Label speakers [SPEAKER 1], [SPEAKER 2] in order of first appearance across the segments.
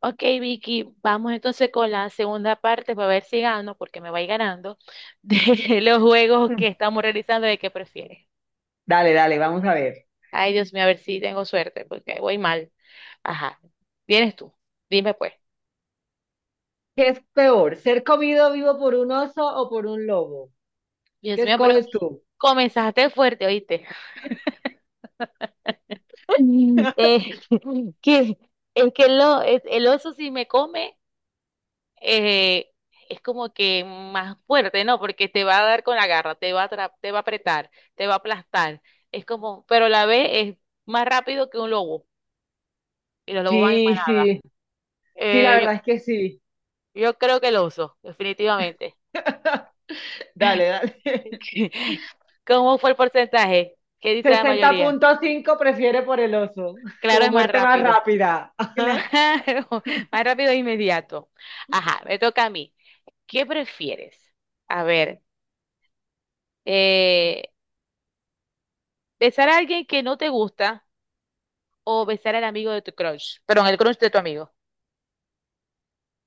[SPEAKER 1] Ok, Vicky, vamos entonces con la segunda parte para ver si gano, porque me voy ganando, de los juegos que estamos realizando de qué prefieres.
[SPEAKER 2] Dale, dale, vamos a ver.
[SPEAKER 1] Ay, Dios mío, a ver si tengo suerte, porque voy mal. Ajá, vienes tú, dime pues.
[SPEAKER 2] ¿Qué es peor, ser comido vivo por un oso o por un lobo?
[SPEAKER 1] Dios
[SPEAKER 2] ¿Qué
[SPEAKER 1] mío, pero
[SPEAKER 2] escoges tú?
[SPEAKER 1] comenzaste fuerte, ¿oíste? Eh, que, es que el oso si me come, eh, es como que más fuerte, ¿no? Porque te va a dar con la garra, te va a apretar, te va a aplastar. Es como, pero la B es más rápido que un lobo y los lobos van en
[SPEAKER 2] Sí,
[SPEAKER 1] manada.
[SPEAKER 2] sí, sí, la
[SPEAKER 1] Eh, yo,
[SPEAKER 2] verdad es que sí.
[SPEAKER 1] yo creo que el oso, definitivamente.
[SPEAKER 2] Dale, dale.
[SPEAKER 1] ¿Cómo fue el porcentaje? ¿Qué dice la
[SPEAKER 2] Sesenta
[SPEAKER 1] mayoría?
[SPEAKER 2] punto cinco prefiere por el oso,
[SPEAKER 1] Claro,
[SPEAKER 2] como
[SPEAKER 1] es más
[SPEAKER 2] muerte más
[SPEAKER 1] rápido.
[SPEAKER 2] rápida. Ajá.
[SPEAKER 1] Claro, más rápido e inmediato. Ajá, me toca a mí. ¿Qué prefieres? A ver, eh, besar a alguien que no te gusta o besar al amigo de tu crush. Perdón, el crush de tu amigo.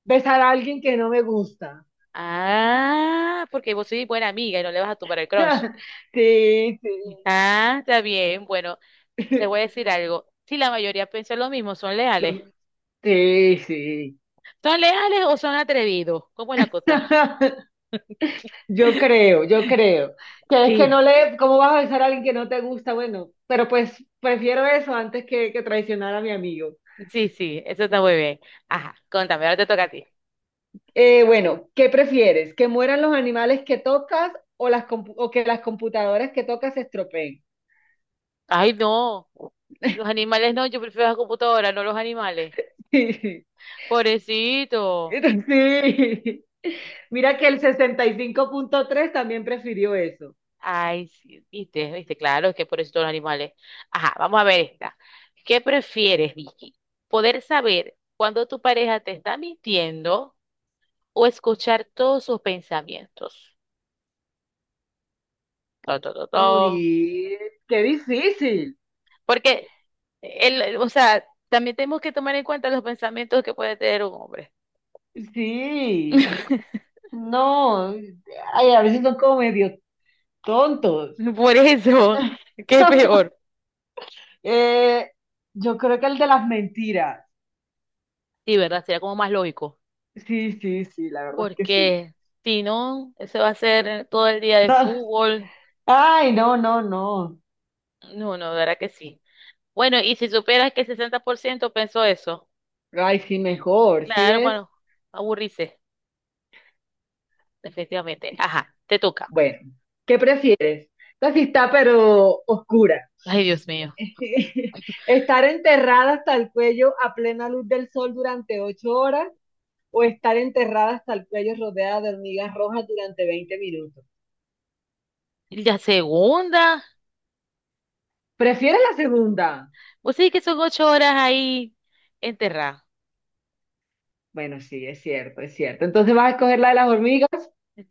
[SPEAKER 2] Besar a alguien que no me gusta.
[SPEAKER 1] Ah, porque vos sois buena amiga y no le vas a tumbar el crush.
[SPEAKER 2] Sí, sí.
[SPEAKER 1] Ah, está bien. Bueno, te voy a decir algo. Si la mayoría piensa lo mismo, ¿son leales?
[SPEAKER 2] Lo- Sí, sí.
[SPEAKER 1] ¿Son leales o son atrevidos? ¿Cómo es la cosa?
[SPEAKER 2] Yo creo, yo creo. Que es que no
[SPEAKER 1] Sí.
[SPEAKER 2] le, ¿cómo vas a besar a alguien que no te gusta? Bueno, pero pues prefiero eso antes que traicionar a mi amigo.
[SPEAKER 1] Sí, sí, eso está muy bien. Ajá, contame, ahora te toca a ti.
[SPEAKER 2] Bueno, ¿qué prefieres? ¿Que mueran los animales que tocas o, o que las computadoras que tocas se estropeen?
[SPEAKER 1] Ay, no. Los animales no, yo prefiero la computadora, no los animales. Pobrecito.
[SPEAKER 2] Sí. Mira que el 65,3 también prefirió eso.
[SPEAKER 1] Ay, sí, viste, viste, claro, es que por eso todos los animales. Ajá, vamos a ver esta. ¿Qué prefieres, Vicky? ¿Poder saber cuando tu pareja te está mintiendo o escuchar todos sus pensamientos? To, to, to, to.
[SPEAKER 2] Uy, qué difícil.
[SPEAKER 1] Porque, o sea, también tenemos que tomar en cuenta los pensamientos que puede tener un hombre.
[SPEAKER 2] Sí. No, ay, a veces son como medio tontos.
[SPEAKER 1] Por eso, ¿qué es peor?
[SPEAKER 2] Eh, yo creo que el de las mentiras.
[SPEAKER 1] Sí, ¿verdad? Sería como más lógico.
[SPEAKER 2] Sí, sí, sí, la verdad es que sí.
[SPEAKER 1] Porque si no, eso va a ser todo el día de
[SPEAKER 2] No.
[SPEAKER 1] fútbol.
[SPEAKER 2] Ay, no, no, no.
[SPEAKER 1] No, no, de verdad que sí. Bueno, y si supieras que el 60% pensó eso,
[SPEAKER 2] Ay, sí,
[SPEAKER 1] pues
[SPEAKER 2] mejor, ¿sí
[SPEAKER 1] claro,
[SPEAKER 2] ves?
[SPEAKER 1] bueno, aburrirse, definitivamente. Ajá, te toca.
[SPEAKER 2] Bueno, ¿qué prefieres? Esta sí está, pero oscura.
[SPEAKER 1] Ay, Dios mío.
[SPEAKER 2] ¿Estar enterrada hasta el cuello a plena luz del sol durante 8 horas o estar enterrada hasta el cuello rodeada de hormigas rojas durante 20 minutos?
[SPEAKER 1] ¿Y la segunda?
[SPEAKER 2] ¿Prefieres la segunda?
[SPEAKER 1] Pues sí que son 8 horas ahí enterrada.
[SPEAKER 2] Bueno, sí, es cierto, es cierto. Entonces vas a escoger la de las hormigas.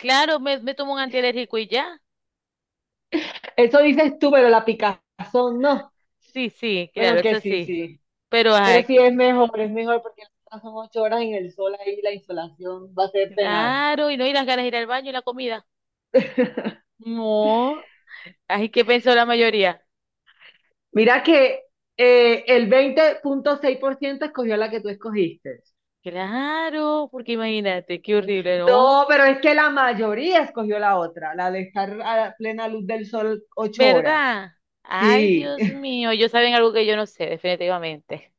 [SPEAKER 1] Claro, me tomo un antialérgico y ya.
[SPEAKER 2] Eso dices tú, pero la picazón no.
[SPEAKER 1] Sí, sí,
[SPEAKER 2] Bueno,
[SPEAKER 1] claro,
[SPEAKER 2] que
[SPEAKER 1] eso
[SPEAKER 2] sí,
[SPEAKER 1] sí.
[SPEAKER 2] sí.
[SPEAKER 1] Pero,
[SPEAKER 2] Pero
[SPEAKER 1] ay,
[SPEAKER 2] sí es mejor porque las otras son 8 horas en el sol ahí, la insolación va a ser penal.
[SPEAKER 1] claro, y no hay las ganas de ir al baño y la comida. No. Ay, ¿qué pensó la mayoría?
[SPEAKER 2] Mira que el 20,6% escogió la que tú escogiste.
[SPEAKER 1] Claro, porque imagínate, qué horrible, ¿no?
[SPEAKER 2] No, pero es que la mayoría escogió la otra, la de estar a la plena luz del sol 8 horas.
[SPEAKER 1] ¿Verdad? Ay,
[SPEAKER 2] Sí.
[SPEAKER 1] Dios mío, ellos saben algo que yo no sé, definitivamente.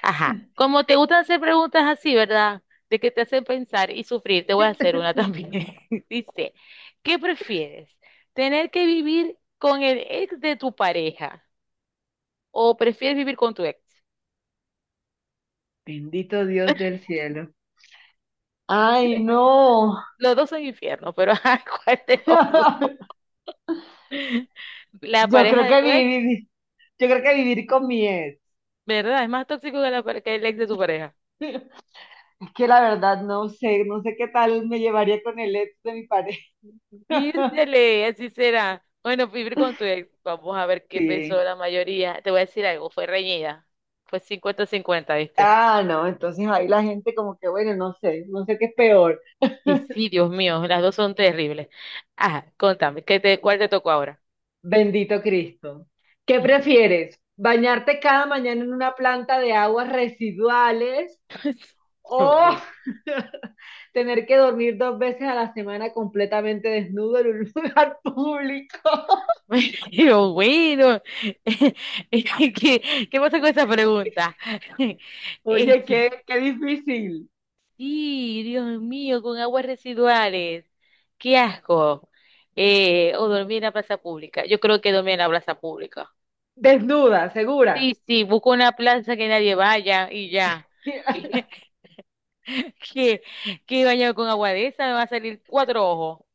[SPEAKER 1] Ajá. Como te gustan hacer preguntas así, ¿verdad? De que te hacen pensar y sufrir, te voy a hacer una también. Dice, ¿qué prefieres? ¿Tener que vivir con el ex de tu pareja o prefieres vivir con tu ex?
[SPEAKER 2] Bendito Dios del cielo. Ay, no.
[SPEAKER 1] Los dos son infierno, pero ajá, ¿cuál de los dos? La
[SPEAKER 2] Yo
[SPEAKER 1] pareja
[SPEAKER 2] creo
[SPEAKER 1] de
[SPEAKER 2] que
[SPEAKER 1] tu ex,
[SPEAKER 2] vivir, yo creo que vivir con mi ex.
[SPEAKER 1] ¿verdad? Es más tóxico que, que el ex de tu pareja.
[SPEAKER 2] Es que la verdad no sé, no sé qué tal me llevaría con el ex de mi pareja.
[SPEAKER 1] Dísele, así será. Bueno, vivir con tu ex. Vamos a ver qué pensó
[SPEAKER 2] Sí.
[SPEAKER 1] la mayoría. Te voy a decir algo, fue reñida. Fue 50-50, ¿viste?
[SPEAKER 2] Ah, no, entonces ahí la gente como que, bueno, no sé, no sé qué es peor.
[SPEAKER 1] Y sí, Dios mío, las dos son terribles. Ajá, contame, ¿Cuál te tocó ahora?
[SPEAKER 2] Bendito Cristo. ¿Qué prefieres? ¿Bañarte cada mañana en una planta de aguas residuales
[SPEAKER 1] Dios
[SPEAKER 2] o
[SPEAKER 1] mío.
[SPEAKER 2] tener que dormir 2 veces a la semana completamente desnudo en un lugar público?
[SPEAKER 1] Pero bueno, ¿qué pasa con esa pregunta?
[SPEAKER 2] Oye,
[SPEAKER 1] Este,
[SPEAKER 2] qué, qué difícil.
[SPEAKER 1] Sí, Dios mío, con aguas residuales. Qué asco. O dormir en la plaza pública. Yo creo que dormir en la plaza pública.
[SPEAKER 2] Desnuda, segura.
[SPEAKER 1] Sí, sí, busco una plaza que nadie vaya y ya. Que, que, que bañado con agua de esa me va a salir cuatro ojos.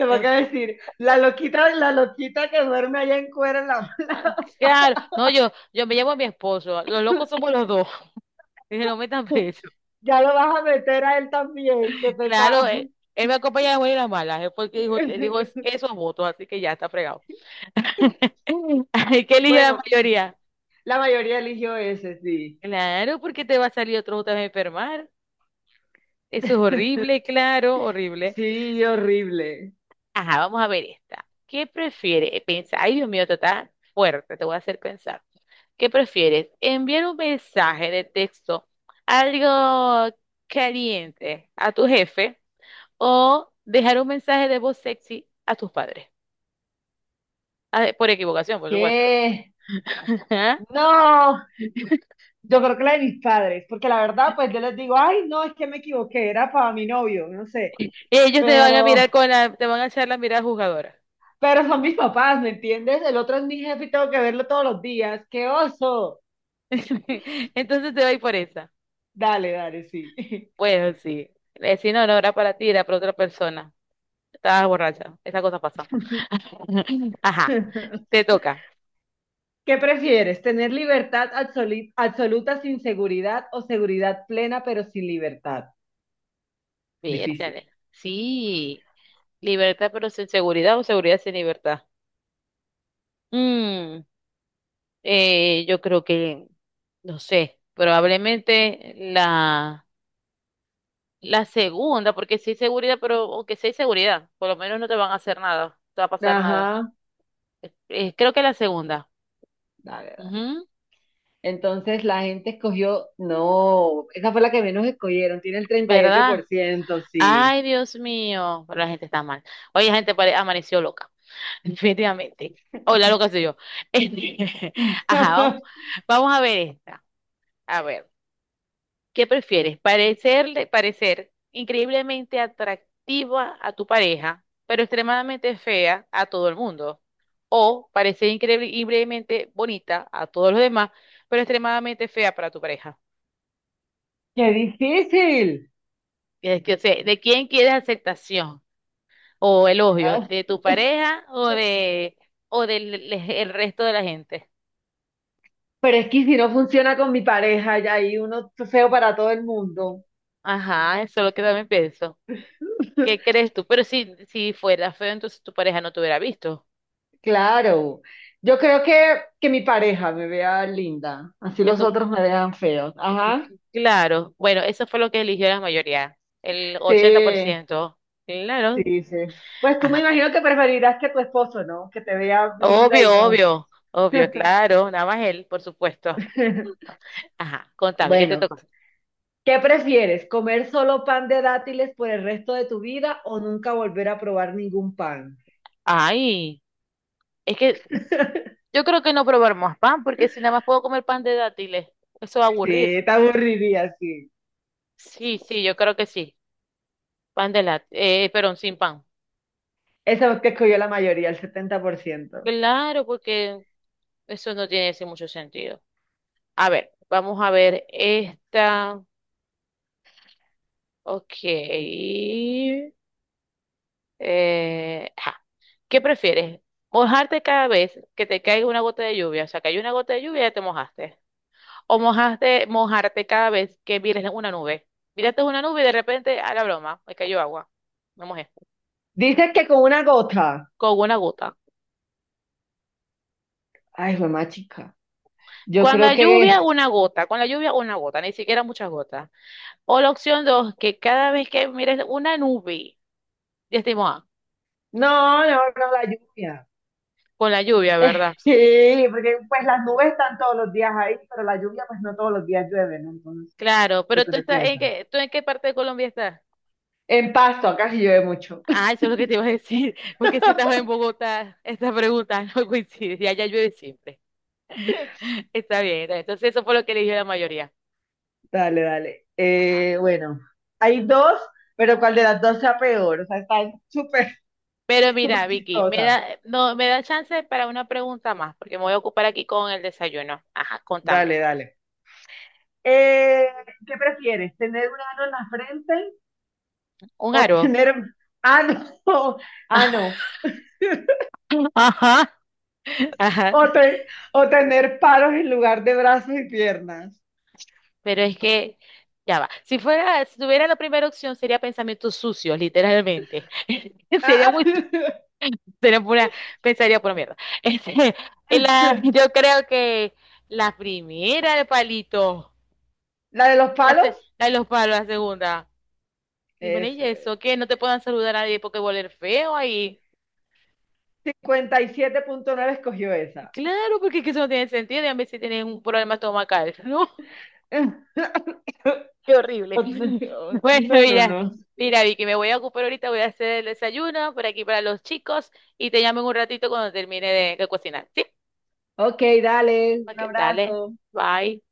[SPEAKER 2] Te
[SPEAKER 1] Eh,
[SPEAKER 2] van a decir, la loquita que duerme allá en cuero, en la-
[SPEAKER 1] Claro, no, yo me llamo a mi esposo. Los locos somos los dos. Dije, no metan preso.
[SPEAKER 2] ya lo vas a meter a él también, qué
[SPEAKER 1] Claro,
[SPEAKER 2] pecado.
[SPEAKER 1] él me acompaña a las buenas y las malas. Él fue el que dijo, él dijo esos votos, así que ya está fregado. Ay, ¿qué eligió la
[SPEAKER 2] Bueno,
[SPEAKER 1] mayoría?
[SPEAKER 2] la mayoría eligió ese, sí.
[SPEAKER 1] Claro, porque te va a salir otro otra vez a enfermar. Eso es horrible, claro, horrible.
[SPEAKER 2] Sí, horrible.
[SPEAKER 1] Ajá, vamos a ver esta. ¿Qué prefieres? Ay, Dios mío, esto está fuerte, te voy a hacer pensar. ¿Qué prefieres? ¿Enviar un mensaje de texto algo caliente a tu jefe o dejar un mensaje de voz sexy a tus padres? Ah, por equivocación, por supuesto.
[SPEAKER 2] ¿Qué?
[SPEAKER 1] Ajá.
[SPEAKER 2] No, yo creo que la de mis padres, porque la verdad, pues yo les digo, ay, no, es que me equivoqué, era para mi novio, no sé.
[SPEAKER 1] Ellos te van a
[SPEAKER 2] Pero
[SPEAKER 1] mirar con te van a echar la mirada juzgadora.
[SPEAKER 2] Pero son mis papás, ¿me entiendes? El otro es mi jefe y tengo que verlo todos los días. ¡Qué oso!
[SPEAKER 1] Entonces te voy por esa.
[SPEAKER 2] Dale, dale, sí.
[SPEAKER 1] Bueno, sí. Si no, no era para ti, era para otra persona. Estabas borracha. Esa cosa pasa. Ajá. Te toca.
[SPEAKER 2] ¿Qué prefieres? ¿Tener libertad absoluta sin seguridad o seguridad plena pero sin libertad? Difícil.
[SPEAKER 1] Vértale. Sí. Libertad pero sin seguridad o seguridad sin libertad. Mm, yo creo que, no sé, probablemente la segunda, porque sí hay seguridad, pero aunque sí hay seguridad, por lo menos no te van a hacer nada, no te va a pasar nada.
[SPEAKER 2] Ajá,
[SPEAKER 1] Creo que la segunda.
[SPEAKER 2] dale, dale.
[SPEAKER 1] Ujú.
[SPEAKER 2] Entonces la gente escogió, no, esa fue la que menos escogieron, tiene el treinta y ocho
[SPEAKER 1] ¿Verdad?
[SPEAKER 2] por ciento, sí.
[SPEAKER 1] Ay, Dios mío, pero la gente está mal. Oye, la gente amaneció loca, definitivamente. O la loca soy yo. Este, Ajá, vamos, vamos a ver esta. A ver, ¿qué prefieres? Parecer increíblemente atractiva a tu pareja, pero extremadamente fea a todo el mundo. O parecer increíblemente bonita a todos los demás, pero extremadamente fea para tu pareja.
[SPEAKER 2] ¡Qué difícil!
[SPEAKER 1] Es que, o sea, ¿de quién quieres aceptación o elogio?
[SPEAKER 2] Ah.
[SPEAKER 1] ¿De tu pareja o de o del el resto de la gente?
[SPEAKER 2] Pero es que si no funciona con mi pareja, ya hay uno feo para todo el mundo.
[SPEAKER 1] Ajá, eso es lo que también pienso. ¿Qué crees tú? Pero si fuera feo, entonces tu pareja no te hubiera visto.
[SPEAKER 2] Claro. Yo creo que mi pareja me vea linda. Así
[SPEAKER 1] Que
[SPEAKER 2] los
[SPEAKER 1] tú-
[SPEAKER 2] otros me vean feos. Ajá.
[SPEAKER 1] Claro, bueno, eso fue lo que eligió la mayoría, el ochenta por
[SPEAKER 2] Sí,
[SPEAKER 1] ciento Claro,
[SPEAKER 2] sí, sí. Pues tú me
[SPEAKER 1] ajá.
[SPEAKER 2] imagino que preferirás que tu esposo, ¿no? Que te vea linda
[SPEAKER 1] Obvio,
[SPEAKER 2] y no.
[SPEAKER 1] obvio, obvio, claro, nada más él, por supuesto. Ajá, contame, ¿qué te
[SPEAKER 2] Bueno,
[SPEAKER 1] tocó?
[SPEAKER 2] ¿qué prefieres? ¿Comer solo pan de dátiles por el resto de tu vida o nunca volver a probar ningún pan?
[SPEAKER 1] Ay, es que yo creo que no probar más pan, porque si nada más puedo comer pan de dátiles, eso va a aburrir.
[SPEAKER 2] Sí, te aburriría, sí.
[SPEAKER 1] Sí,
[SPEAKER 2] Sí,
[SPEAKER 1] sí, yo creo que sí. Pan de dátiles, perdón, sin pan.
[SPEAKER 2] Esa que escogió la mayoría, el 70%.
[SPEAKER 1] Claro, porque eso no tiene así mucho sentido. A ver, vamos a ver esta. Ok. Ajá. ¿Qué prefieres? ¿Mojarte cada vez que te caiga una gota de lluvia? O sea, cayó una gota de lluvia y ya te mojaste. O mojaste mojarte cada vez que mires una nube. Miraste una nube y de repente, a la broma, me cayó agua. Me mojé.
[SPEAKER 2] Dice que con una gota.
[SPEAKER 1] Con una gota.
[SPEAKER 2] Ay, mamá chica. Yo
[SPEAKER 1] Con
[SPEAKER 2] creo
[SPEAKER 1] la lluvia,
[SPEAKER 2] que...
[SPEAKER 1] una gota. Con la lluvia, una gota. Ni siquiera muchas gotas. O la opción dos, que cada vez que mires una nube, ya estoy mojada.
[SPEAKER 2] No, no, no, la lluvia.
[SPEAKER 1] Con la lluvia, ¿verdad?
[SPEAKER 2] Sí, porque pues las nubes están todos los días ahí, pero la lluvia pues no todos los días llueve, ¿no? Entonces,
[SPEAKER 1] Claro,
[SPEAKER 2] yo
[SPEAKER 1] pero
[SPEAKER 2] creo que esa.
[SPEAKER 1] ¿tú en qué parte de Colombia estás?
[SPEAKER 2] En Pasto, acá sí llueve mucho.
[SPEAKER 1] Ah, eso es lo que te iba a decir, porque si estás en Bogotá, esta pregunta no coincide, y allá llueve siempre. Está bien, está bien. Entonces eso fue lo que eligió la mayoría.
[SPEAKER 2] Dale, dale.
[SPEAKER 1] Ajá.
[SPEAKER 2] Bueno, hay dos, pero ¿cuál de las dos sea peor? O sea, están súper,
[SPEAKER 1] Pero
[SPEAKER 2] súper
[SPEAKER 1] mira, Vicky, me
[SPEAKER 2] chistosas.
[SPEAKER 1] da, no, me da chance para una pregunta más, porque me voy a ocupar aquí con el desayuno. Ajá, contame.
[SPEAKER 2] Dale, dale. Eh, ¿Qué prefieres? ¿Tener un ano en la frente
[SPEAKER 1] ¿Un
[SPEAKER 2] o
[SPEAKER 1] aro?
[SPEAKER 2] tener, ano, ah no, ah no,
[SPEAKER 1] Ajá. Ajá.
[SPEAKER 2] o, te- o tener palos en lugar de brazos y piernas?
[SPEAKER 1] Pero es que, ya va. Si tuviera la primera opción, sería pensamientos sucios, literalmente. Sería
[SPEAKER 2] Ah,
[SPEAKER 1] muy, sería pura, pensaría pura mierda. Este, yo creo que la primera de palito,
[SPEAKER 2] la de los palos,
[SPEAKER 1] la de los palos, la segunda. Dime
[SPEAKER 2] eso es.
[SPEAKER 1] eso, que no te puedan saludar a nadie porque voler feo ahí.
[SPEAKER 2] 57,9 escogió esa.
[SPEAKER 1] Claro, porque es que eso no tiene sentido, dígame si tienen un problema estomacal, ¿no? Qué horrible. Bueno,
[SPEAKER 2] No, no,
[SPEAKER 1] mira,
[SPEAKER 2] no.
[SPEAKER 1] mira, Vicky, me voy a ocupar ahorita, voy a hacer el desayuno por aquí para los chicos y te llamo en un ratito cuando termine de cocinar, ¿sí?
[SPEAKER 2] Ok, dale, un
[SPEAKER 1] Ok, dale,
[SPEAKER 2] abrazo.
[SPEAKER 1] bye.